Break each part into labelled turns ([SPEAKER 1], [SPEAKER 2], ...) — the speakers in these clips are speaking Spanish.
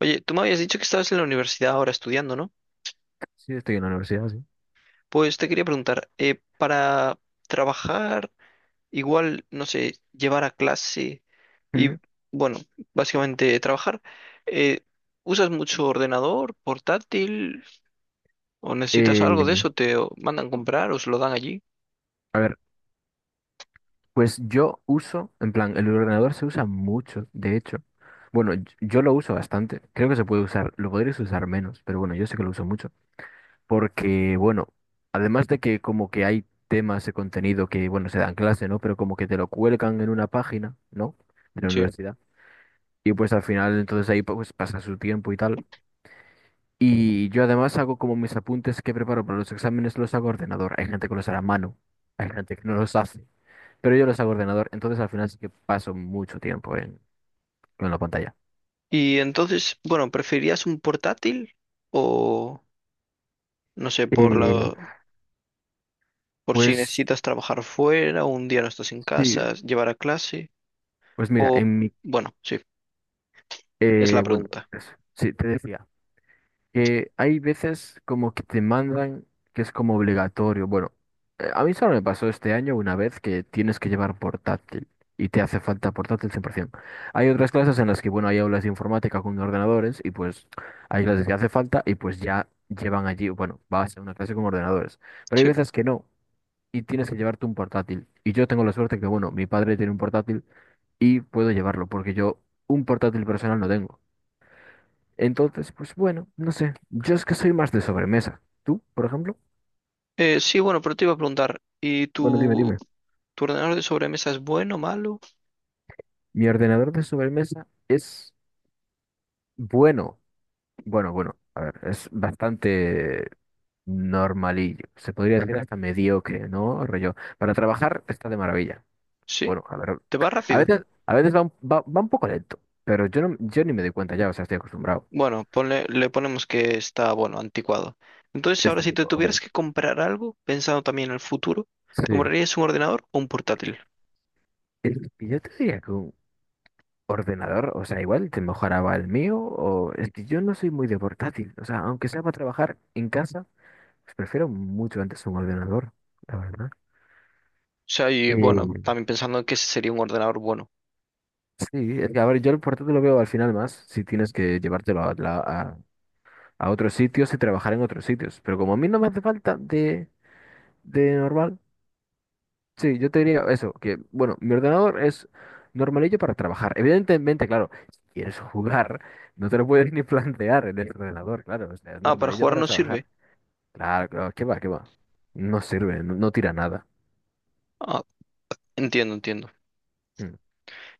[SPEAKER 1] Oye, tú me habías dicho que estabas en la universidad ahora estudiando, ¿no?
[SPEAKER 2] Sí, estoy en la universidad, sí.
[SPEAKER 1] Pues te quería preguntar, para trabajar, igual, no sé, llevar a clase y,
[SPEAKER 2] Mm.
[SPEAKER 1] bueno, básicamente trabajar, eh, ¿usas mucho ordenador, portátil o necesitas algo de
[SPEAKER 2] Eh,
[SPEAKER 1] eso? ¿Te mandan comprar o se lo dan allí?
[SPEAKER 2] a ver, pues yo uso, en plan, el ordenador se usa mucho, de hecho. Bueno, yo lo uso bastante. Creo que se puede usar, lo podrías usar menos, pero bueno, yo sé que lo uso mucho. Porque, bueno, además de que como que hay temas de contenido que, bueno, se dan clase, ¿no? Pero como que te lo cuelgan en una página, ¿no? De la
[SPEAKER 1] Sí.
[SPEAKER 2] universidad. Y pues al final entonces ahí pues pasa su tiempo y tal. Y yo además hago como mis apuntes que preparo para los exámenes, los hago a ordenador. Hay gente que los hará a mano, hay gente que no los hace, pero yo los hago a ordenador, entonces al final sí que paso mucho tiempo en la pantalla.
[SPEAKER 1] Y entonces, bueno, ¿preferirías un portátil o, no sé,
[SPEAKER 2] Eh,
[SPEAKER 1] por si
[SPEAKER 2] pues
[SPEAKER 1] necesitas trabajar fuera o un día no estás en
[SPEAKER 2] sí,
[SPEAKER 1] casa, llevar a clase
[SPEAKER 2] pues mira,
[SPEAKER 1] o...
[SPEAKER 2] en mi,
[SPEAKER 1] Bueno, sí. Es la
[SPEAKER 2] bueno,
[SPEAKER 1] pregunta.
[SPEAKER 2] pues, sí, te decía. Que hay veces como que te mandan que es como obligatorio. Bueno, a mí solo me pasó este año una vez que tienes que llevar portátil y te hace falta portátil 100%. Hay otras clases en las que, bueno, hay aulas de informática con ordenadores y pues hay clases que hace falta y pues ya llevan allí, bueno, vas a una clase con ordenadores. Pero hay
[SPEAKER 1] Sí.
[SPEAKER 2] veces que no y tienes que llevarte un portátil. Y yo tengo la suerte que, bueno, mi padre tiene un portátil y puedo llevarlo porque yo un portátil personal no tengo. Entonces, pues bueno, no sé. Yo es que soy más de sobremesa. ¿Tú, por ejemplo?
[SPEAKER 1] Sí, bueno, pero te iba a preguntar, ¿y
[SPEAKER 2] Bueno, dime,
[SPEAKER 1] tu,
[SPEAKER 2] dime.
[SPEAKER 1] tu ordenador de sobremesa es bueno, malo?
[SPEAKER 2] Mi ordenador de sobremesa es bueno. Bueno, bueno, a ver, es bastante normalillo. Se podría decir hasta mediocre, ¿no? Rollo. Para trabajar está de maravilla.
[SPEAKER 1] Sí,
[SPEAKER 2] Bueno, a ver.
[SPEAKER 1] te va
[SPEAKER 2] A
[SPEAKER 1] rápido.
[SPEAKER 2] veces, va un poco lento, pero yo ni me doy cuenta ya, o sea, estoy acostumbrado.
[SPEAKER 1] Bueno, le ponemos que está, bueno, anticuado. Entonces,
[SPEAKER 2] Es
[SPEAKER 1] ahora si te
[SPEAKER 2] tipo, ok.
[SPEAKER 1] tuvieras que comprar algo, pensando también en el futuro, ¿te
[SPEAKER 2] Sí.
[SPEAKER 1] comprarías un ordenador o un portátil?
[SPEAKER 2] Yo te diría que un ordenador, o sea, igual te mejoraba el mío, o es que yo no soy muy de portátil, o sea, aunque sea para trabajar en casa, pues prefiero mucho antes un ordenador, la verdad.
[SPEAKER 1] O sea, y
[SPEAKER 2] Eh,
[SPEAKER 1] bueno, también pensando en que ese sería un ordenador bueno.
[SPEAKER 2] sí, es que, a ver, yo el portátil lo veo al final más, si tienes que llevártelo a, a otros sitios y trabajar en otros sitios, pero como a mí no me hace falta de normal, sí, yo te diría eso, que bueno, mi ordenador es normalillo para trabajar. Evidentemente, claro, si quieres jugar, no te lo puedes ni plantear en el ordenador, claro, o sea, es
[SPEAKER 1] Ah, para
[SPEAKER 2] normalillo
[SPEAKER 1] jugar
[SPEAKER 2] para
[SPEAKER 1] no
[SPEAKER 2] trabajar.
[SPEAKER 1] sirve.
[SPEAKER 2] Claro, claro, qué va, qué va. No sirve, no, no tira nada.
[SPEAKER 1] Ah, entiendo, entiendo.
[SPEAKER 2] Mm.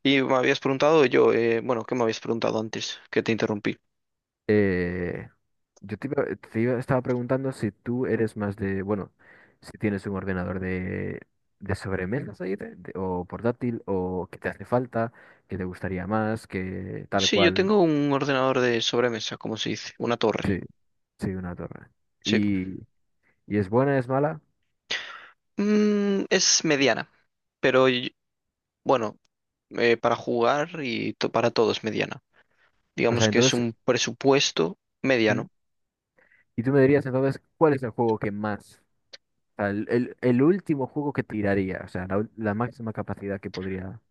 [SPEAKER 1] Y me habías preguntado yo, bueno, ¿qué me habías preguntado antes? Que te interrumpí.
[SPEAKER 2] Eh, yo te, estaba preguntando si tú eres más de, bueno, si tienes un ordenador de sobremesas ahí, o portátil, o que te hace falta, que te gustaría más, que tal
[SPEAKER 1] Sí, yo
[SPEAKER 2] cual.
[SPEAKER 1] tengo un ordenador de sobremesa, como se dice, una
[SPEAKER 2] Sí.
[SPEAKER 1] torre.
[SPEAKER 2] Sí, una torre.
[SPEAKER 1] Sí.
[SPEAKER 2] ¿Y, y es buena, es mala?
[SPEAKER 1] Es mediana, pero bueno, para jugar y para todo es mediana.
[SPEAKER 2] O sea,
[SPEAKER 1] Digamos que es
[SPEAKER 2] entonces,
[SPEAKER 1] un presupuesto
[SPEAKER 2] ¿mm?
[SPEAKER 1] mediano.
[SPEAKER 2] Y tú me dirías entonces, ¿cuál es el juego que más, o sea, el último juego que tiraría, o sea, la máxima capacidad que podría,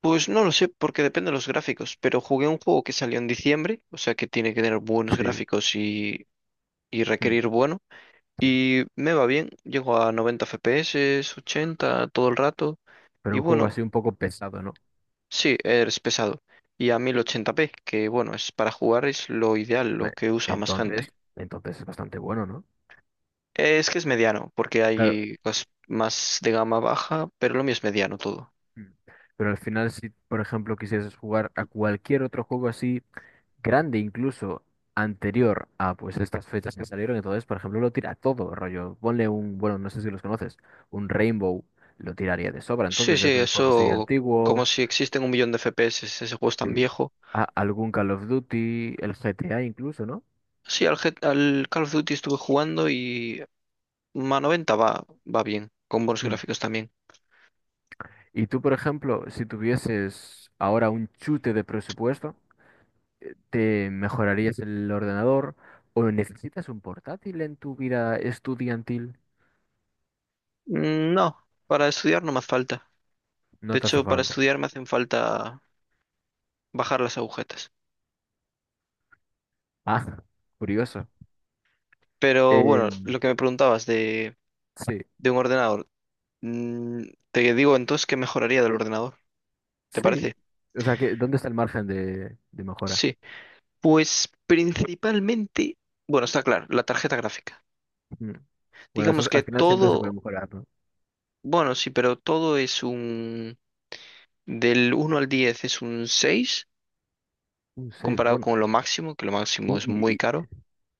[SPEAKER 1] Pues no lo sé, porque depende de los gráficos, pero jugué un juego que salió en diciembre, o sea que tiene que tener buenos
[SPEAKER 2] sí,
[SPEAKER 1] gráficos y
[SPEAKER 2] mm,
[SPEAKER 1] requerir bueno,
[SPEAKER 2] sí,
[SPEAKER 1] y me va bien, llego a 90 FPS, 80 todo el rato,
[SPEAKER 2] pero
[SPEAKER 1] y
[SPEAKER 2] un juego
[SPEAKER 1] bueno.
[SPEAKER 2] así un poco pesado, ¿no?
[SPEAKER 1] Sí, es pesado. Y a 1080p que bueno, es para jugar es lo ideal,
[SPEAKER 2] Me-
[SPEAKER 1] lo que usa más
[SPEAKER 2] Entonces,
[SPEAKER 1] gente.
[SPEAKER 2] entonces es bastante bueno, ¿no?
[SPEAKER 1] Es que es mediano, porque
[SPEAKER 2] Claro,
[SPEAKER 1] hay cosas más de gama baja, pero lo mío es mediano todo.
[SPEAKER 2] mm, pero al final si, por ejemplo, quisieras jugar a cualquier otro juego así, grande incluso anterior a pues estas fechas que salieron, entonces, por ejemplo, lo tira todo, rollo, bueno, no sé si los conoces, un Rainbow, lo tiraría de sobra,
[SPEAKER 1] Sí,
[SPEAKER 2] entonces
[SPEAKER 1] sí,
[SPEAKER 2] es un juego así
[SPEAKER 1] eso, como
[SPEAKER 2] antiguo,
[SPEAKER 1] si existen un millón de FPS, ese juego es
[SPEAKER 2] sí,
[SPEAKER 1] tan viejo.
[SPEAKER 2] algún Call of Duty, el GTA incluso, ¿no?
[SPEAKER 1] Sí, al Call of Duty estuve jugando y a 90 va bien, con buenos
[SPEAKER 2] Mm.
[SPEAKER 1] gráficos también.
[SPEAKER 2] Y tú, por ejemplo, si tuvieses ahora un chute de presupuesto, ¿te mejorarías el ordenador o necesitas un portátil en tu vida estudiantil?
[SPEAKER 1] No, para estudiar no me hace falta. De
[SPEAKER 2] No te hace
[SPEAKER 1] hecho, para
[SPEAKER 2] falta.
[SPEAKER 1] estudiar me hacen falta bajar las agujetas.
[SPEAKER 2] Ah, curioso.
[SPEAKER 1] Pero bueno,
[SPEAKER 2] Em,
[SPEAKER 1] lo que me preguntabas de
[SPEAKER 2] sí.
[SPEAKER 1] un ordenador. Mm, te digo entonces que mejoraría del ordenador. ¿Te
[SPEAKER 2] Sí,
[SPEAKER 1] parece?
[SPEAKER 2] o sea, que, ¿dónde está el margen de mejora?
[SPEAKER 1] Sí. Pues principalmente, bueno, está claro, la tarjeta gráfica.
[SPEAKER 2] Mm. Bueno,
[SPEAKER 1] Digamos que
[SPEAKER 2] al final siempre se puede
[SPEAKER 1] todo,
[SPEAKER 2] mejorar, ¿no?
[SPEAKER 1] bueno, sí, pero del uno al 10 es un 6
[SPEAKER 2] Un 6,
[SPEAKER 1] comparado
[SPEAKER 2] bueno.
[SPEAKER 1] con lo máximo, que lo máximo
[SPEAKER 2] Un-
[SPEAKER 1] es
[SPEAKER 2] y,
[SPEAKER 1] muy
[SPEAKER 2] y-
[SPEAKER 1] caro.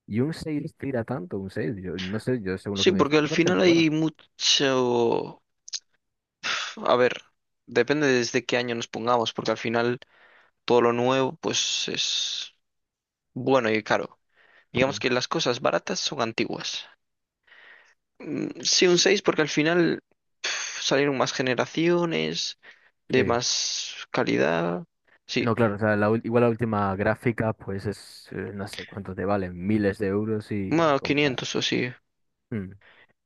[SPEAKER 2] y un 6 tira tanto, un 6. Yo no sé, yo según lo que
[SPEAKER 1] Sí,
[SPEAKER 2] me
[SPEAKER 1] porque al
[SPEAKER 2] dijiste, parece
[SPEAKER 1] final
[SPEAKER 2] muy buena.
[SPEAKER 1] hay mucho, a ver, depende desde qué año nos pongamos, porque al final todo lo nuevo, pues es bueno y caro. Digamos
[SPEAKER 2] Sí.
[SPEAKER 1] que las cosas baratas son antiguas. Sí, un 6 porque al final uf, salieron más generaciones, de
[SPEAKER 2] Sí.
[SPEAKER 1] más calidad. Sí,
[SPEAKER 2] No, claro, o sea, igual la última gráfica, pues es, no sé cuánto te valen, miles de euros y
[SPEAKER 1] más
[SPEAKER 2] comprada.
[SPEAKER 1] 500 o sí.
[SPEAKER 2] Mm.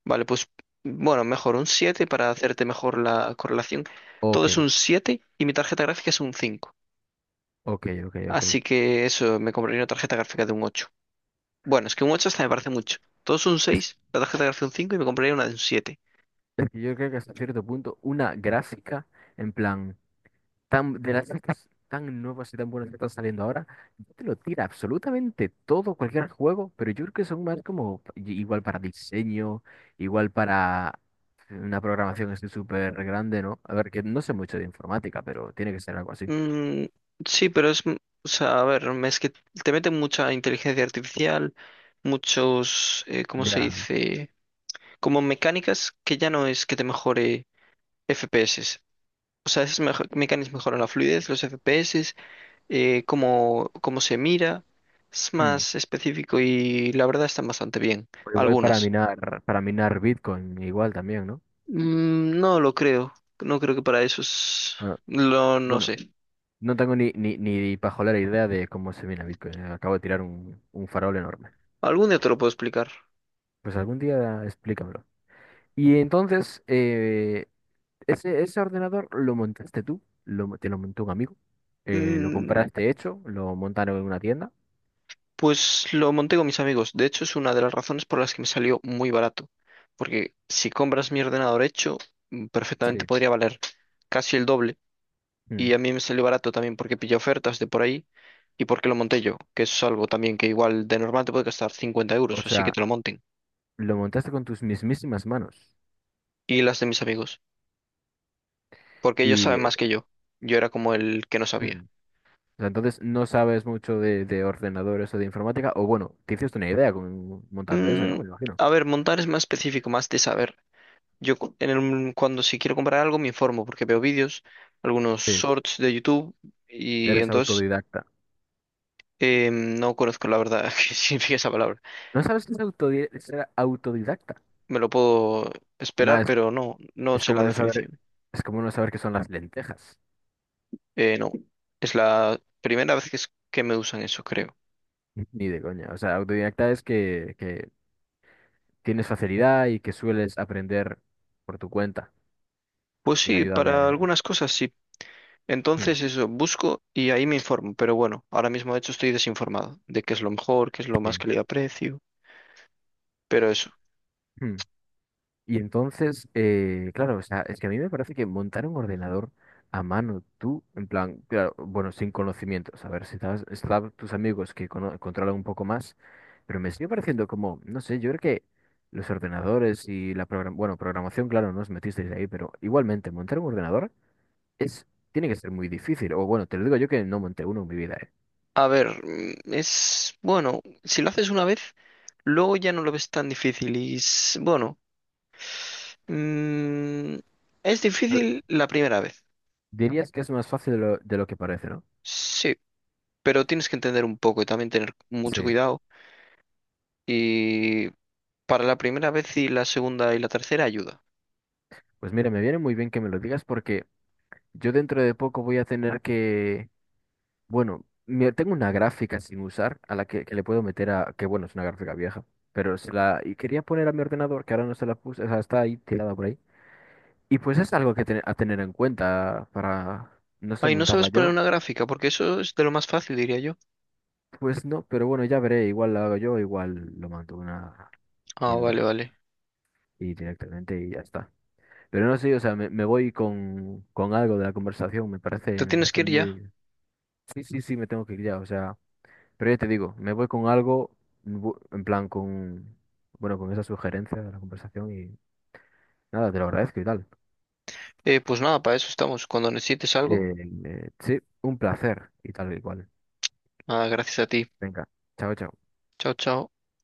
[SPEAKER 1] Vale, pues bueno, mejor un 7 para hacerte mejor la correlación. Todo
[SPEAKER 2] Ok,
[SPEAKER 1] es un siete y mi tarjeta gráfica es un cinco.
[SPEAKER 2] ok.
[SPEAKER 1] Así que eso, me compraría una tarjeta gráfica de un ocho. Bueno, es que un ocho hasta me parece mucho. Todo es un
[SPEAKER 2] Es
[SPEAKER 1] seis, la tarjeta gráfica un 5 y me compraría una de un siete.
[SPEAKER 2] es que yo creo que hasta cierto punto, una gráfica, en plan. Tan, de las sagas tan nuevas y tan buenas que están saliendo ahora, yo te lo tira absolutamente todo, cualquier juego, pero yo creo que son más como igual para diseño, igual para una programación así súper grande, ¿no? A ver, que no sé mucho de informática, pero tiene que ser algo así.
[SPEAKER 1] Mm, sí, pero o sea, a ver, es que te meten mucha inteligencia artificial, muchos, ¿cómo se
[SPEAKER 2] Ya.
[SPEAKER 1] dice? Como mecánicas que ya no es que te mejore FPS. O sea, esas mecánicas mejoran la fluidez, los FPS, cómo se mira. Es
[SPEAKER 2] Hmm.
[SPEAKER 1] más específico y la verdad están bastante bien.
[SPEAKER 2] O igual
[SPEAKER 1] Algunas.
[SPEAKER 2] para minar Bitcoin, igual también, ¿no?
[SPEAKER 1] No lo creo. No creo que para eso es...
[SPEAKER 2] Bueno,
[SPEAKER 1] No
[SPEAKER 2] bueno,
[SPEAKER 1] sé.
[SPEAKER 2] no tengo ni pajolera idea de cómo se mina Bitcoin. Acabo de tirar un farol enorme.
[SPEAKER 1] Algún día te lo puedo explicar.
[SPEAKER 2] Pues algún día explícamelo. Y entonces, ese, ese ordenador lo montaste tú, lo, te lo montó un amigo, lo
[SPEAKER 1] Mm,
[SPEAKER 2] compraste hecho, lo montaron en una tienda.
[SPEAKER 1] Pues lo monté con mis amigos. De hecho, es una de las razones por las que me salió muy barato. Porque si compras mi ordenador hecho, perfectamente
[SPEAKER 2] Sí.
[SPEAKER 1] podría valer casi el doble. Y
[SPEAKER 2] Mm.
[SPEAKER 1] a mí me salió barato también porque pillé ofertas de por ahí y porque lo monté yo, que es algo también que igual de normal te puede costar 50
[SPEAKER 2] O
[SPEAKER 1] euros, así que
[SPEAKER 2] sea,
[SPEAKER 1] te lo monten.
[SPEAKER 2] lo montaste con tus mismísimas manos.
[SPEAKER 1] Y las de mis amigos, porque ellos
[SPEAKER 2] Y
[SPEAKER 1] saben más que yo. Yo era como el que no
[SPEAKER 2] mm.
[SPEAKER 1] sabía.
[SPEAKER 2] O sea, entonces no sabes mucho de ordenadores o de informática, o bueno, te hiciste una idea con, montando eso, ¿no?
[SPEAKER 1] Mm,
[SPEAKER 2] Me imagino.
[SPEAKER 1] a ver, montar es más específico, más de saber. Yo cuando si quiero comprar algo me informo porque veo vídeos, algunos
[SPEAKER 2] Sí,
[SPEAKER 1] shorts de YouTube y
[SPEAKER 2] eres
[SPEAKER 1] entonces
[SPEAKER 2] autodidacta.
[SPEAKER 1] no conozco la verdad qué significa esa palabra.
[SPEAKER 2] ¿No sabes qué es ser autodidacta?
[SPEAKER 1] Me lo puedo esperar,
[SPEAKER 2] Más,
[SPEAKER 1] pero no, no
[SPEAKER 2] es
[SPEAKER 1] sé
[SPEAKER 2] como
[SPEAKER 1] la
[SPEAKER 2] no saber,
[SPEAKER 1] definición.
[SPEAKER 2] es como no saber qué son las lentejas.
[SPEAKER 1] No, es la primera vez que, que me usan eso, creo.
[SPEAKER 2] Ni de coña. O sea, autodidacta es que tienes facilidad y que sueles aprender por tu cuenta,
[SPEAKER 1] Pues
[SPEAKER 2] sin
[SPEAKER 1] sí,
[SPEAKER 2] ayuda
[SPEAKER 1] para
[SPEAKER 2] de...
[SPEAKER 1] algunas cosas sí.
[SPEAKER 2] Mm,
[SPEAKER 1] Entonces eso, busco y ahí me informo, pero bueno, ahora mismo de hecho estoy desinformado de qué es lo mejor, qué es lo más
[SPEAKER 2] sí,
[SPEAKER 1] que le aprecio, pero eso.
[SPEAKER 2] mm. Y entonces, claro, o sea, es que a mí me parece que montar un ordenador a mano, tú, en plan, claro, bueno, sin conocimientos, a ver, si estás, están tus amigos que controlan un poco más, pero me sigue pareciendo como, no sé, yo creo que los ordenadores y la bueno, programación, claro, no os metisteis ahí, pero igualmente, montar un ordenador es, tiene que ser muy difícil. O bueno, te lo digo yo que no monté uno en mi vida, ¿eh?
[SPEAKER 1] A ver, es bueno, si lo haces una vez. Luego ya no lo ves tan difícil y bueno, mm, es difícil la primera vez,
[SPEAKER 2] Dirías que es más fácil de lo que parece, ¿no?
[SPEAKER 1] sí, pero tienes que entender un poco y también tener mucho
[SPEAKER 2] Sí.
[SPEAKER 1] cuidado y para la primera vez y la segunda y la tercera ayuda.
[SPEAKER 2] Pues mira, me viene muy bien que me lo digas porque yo dentro de poco voy a tener que, bueno, tengo una gráfica sin usar a la que le puedo meter a, que bueno, es una gráfica vieja, pero se la, y quería poner a mi ordenador, que ahora no se la puse, o sea, está ahí tirada por ahí. Y pues es algo que a tener en cuenta para, no sé,
[SPEAKER 1] Ay, no
[SPEAKER 2] montarla
[SPEAKER 1] sabes poner
[SPEAKER 2] yo.
[SPEAKER 1] una gráfica porque eso es de lo más fácil, diría yo.
[SPEAKER 2] Pues no, pero bueno, ya veré, igual la hago yo, igual lo mando a una
[SPEAKER 1] Ah,
[SPEAKER 2] tienda.
[SPEAKER 1] vale, vale.
[SPEAKER 2] Y directamente y ya está. Pero no sé, o sea, me voy con algo de la conversación,
[SPEAKER 1] ¿Te
[SPEAKER 2] me
[SPEAKER 1] tienes
[SPEAKER 2] parece
[SPEAKER 1] que ir ya?
[SPEAKER 2] muy... Sí, sí, sí, me tengo que ir ya, o sea, pero ya te digo, me voy con algo, en plan, con, bueno, con esa sugerencia de la conversación y nada, te lo agradezco y tal.
[SPEAKER 1] Pues nada, para eso estamos. Cuando necesites algo,
[SPEAKER 2] Eh, sí, un placer y tal y cual.
[SPEAKER 1] ah, gracias a ti.
[SPEAKER 2] Venga, chao, chao.
[SPEAKER 1] Chao, chao.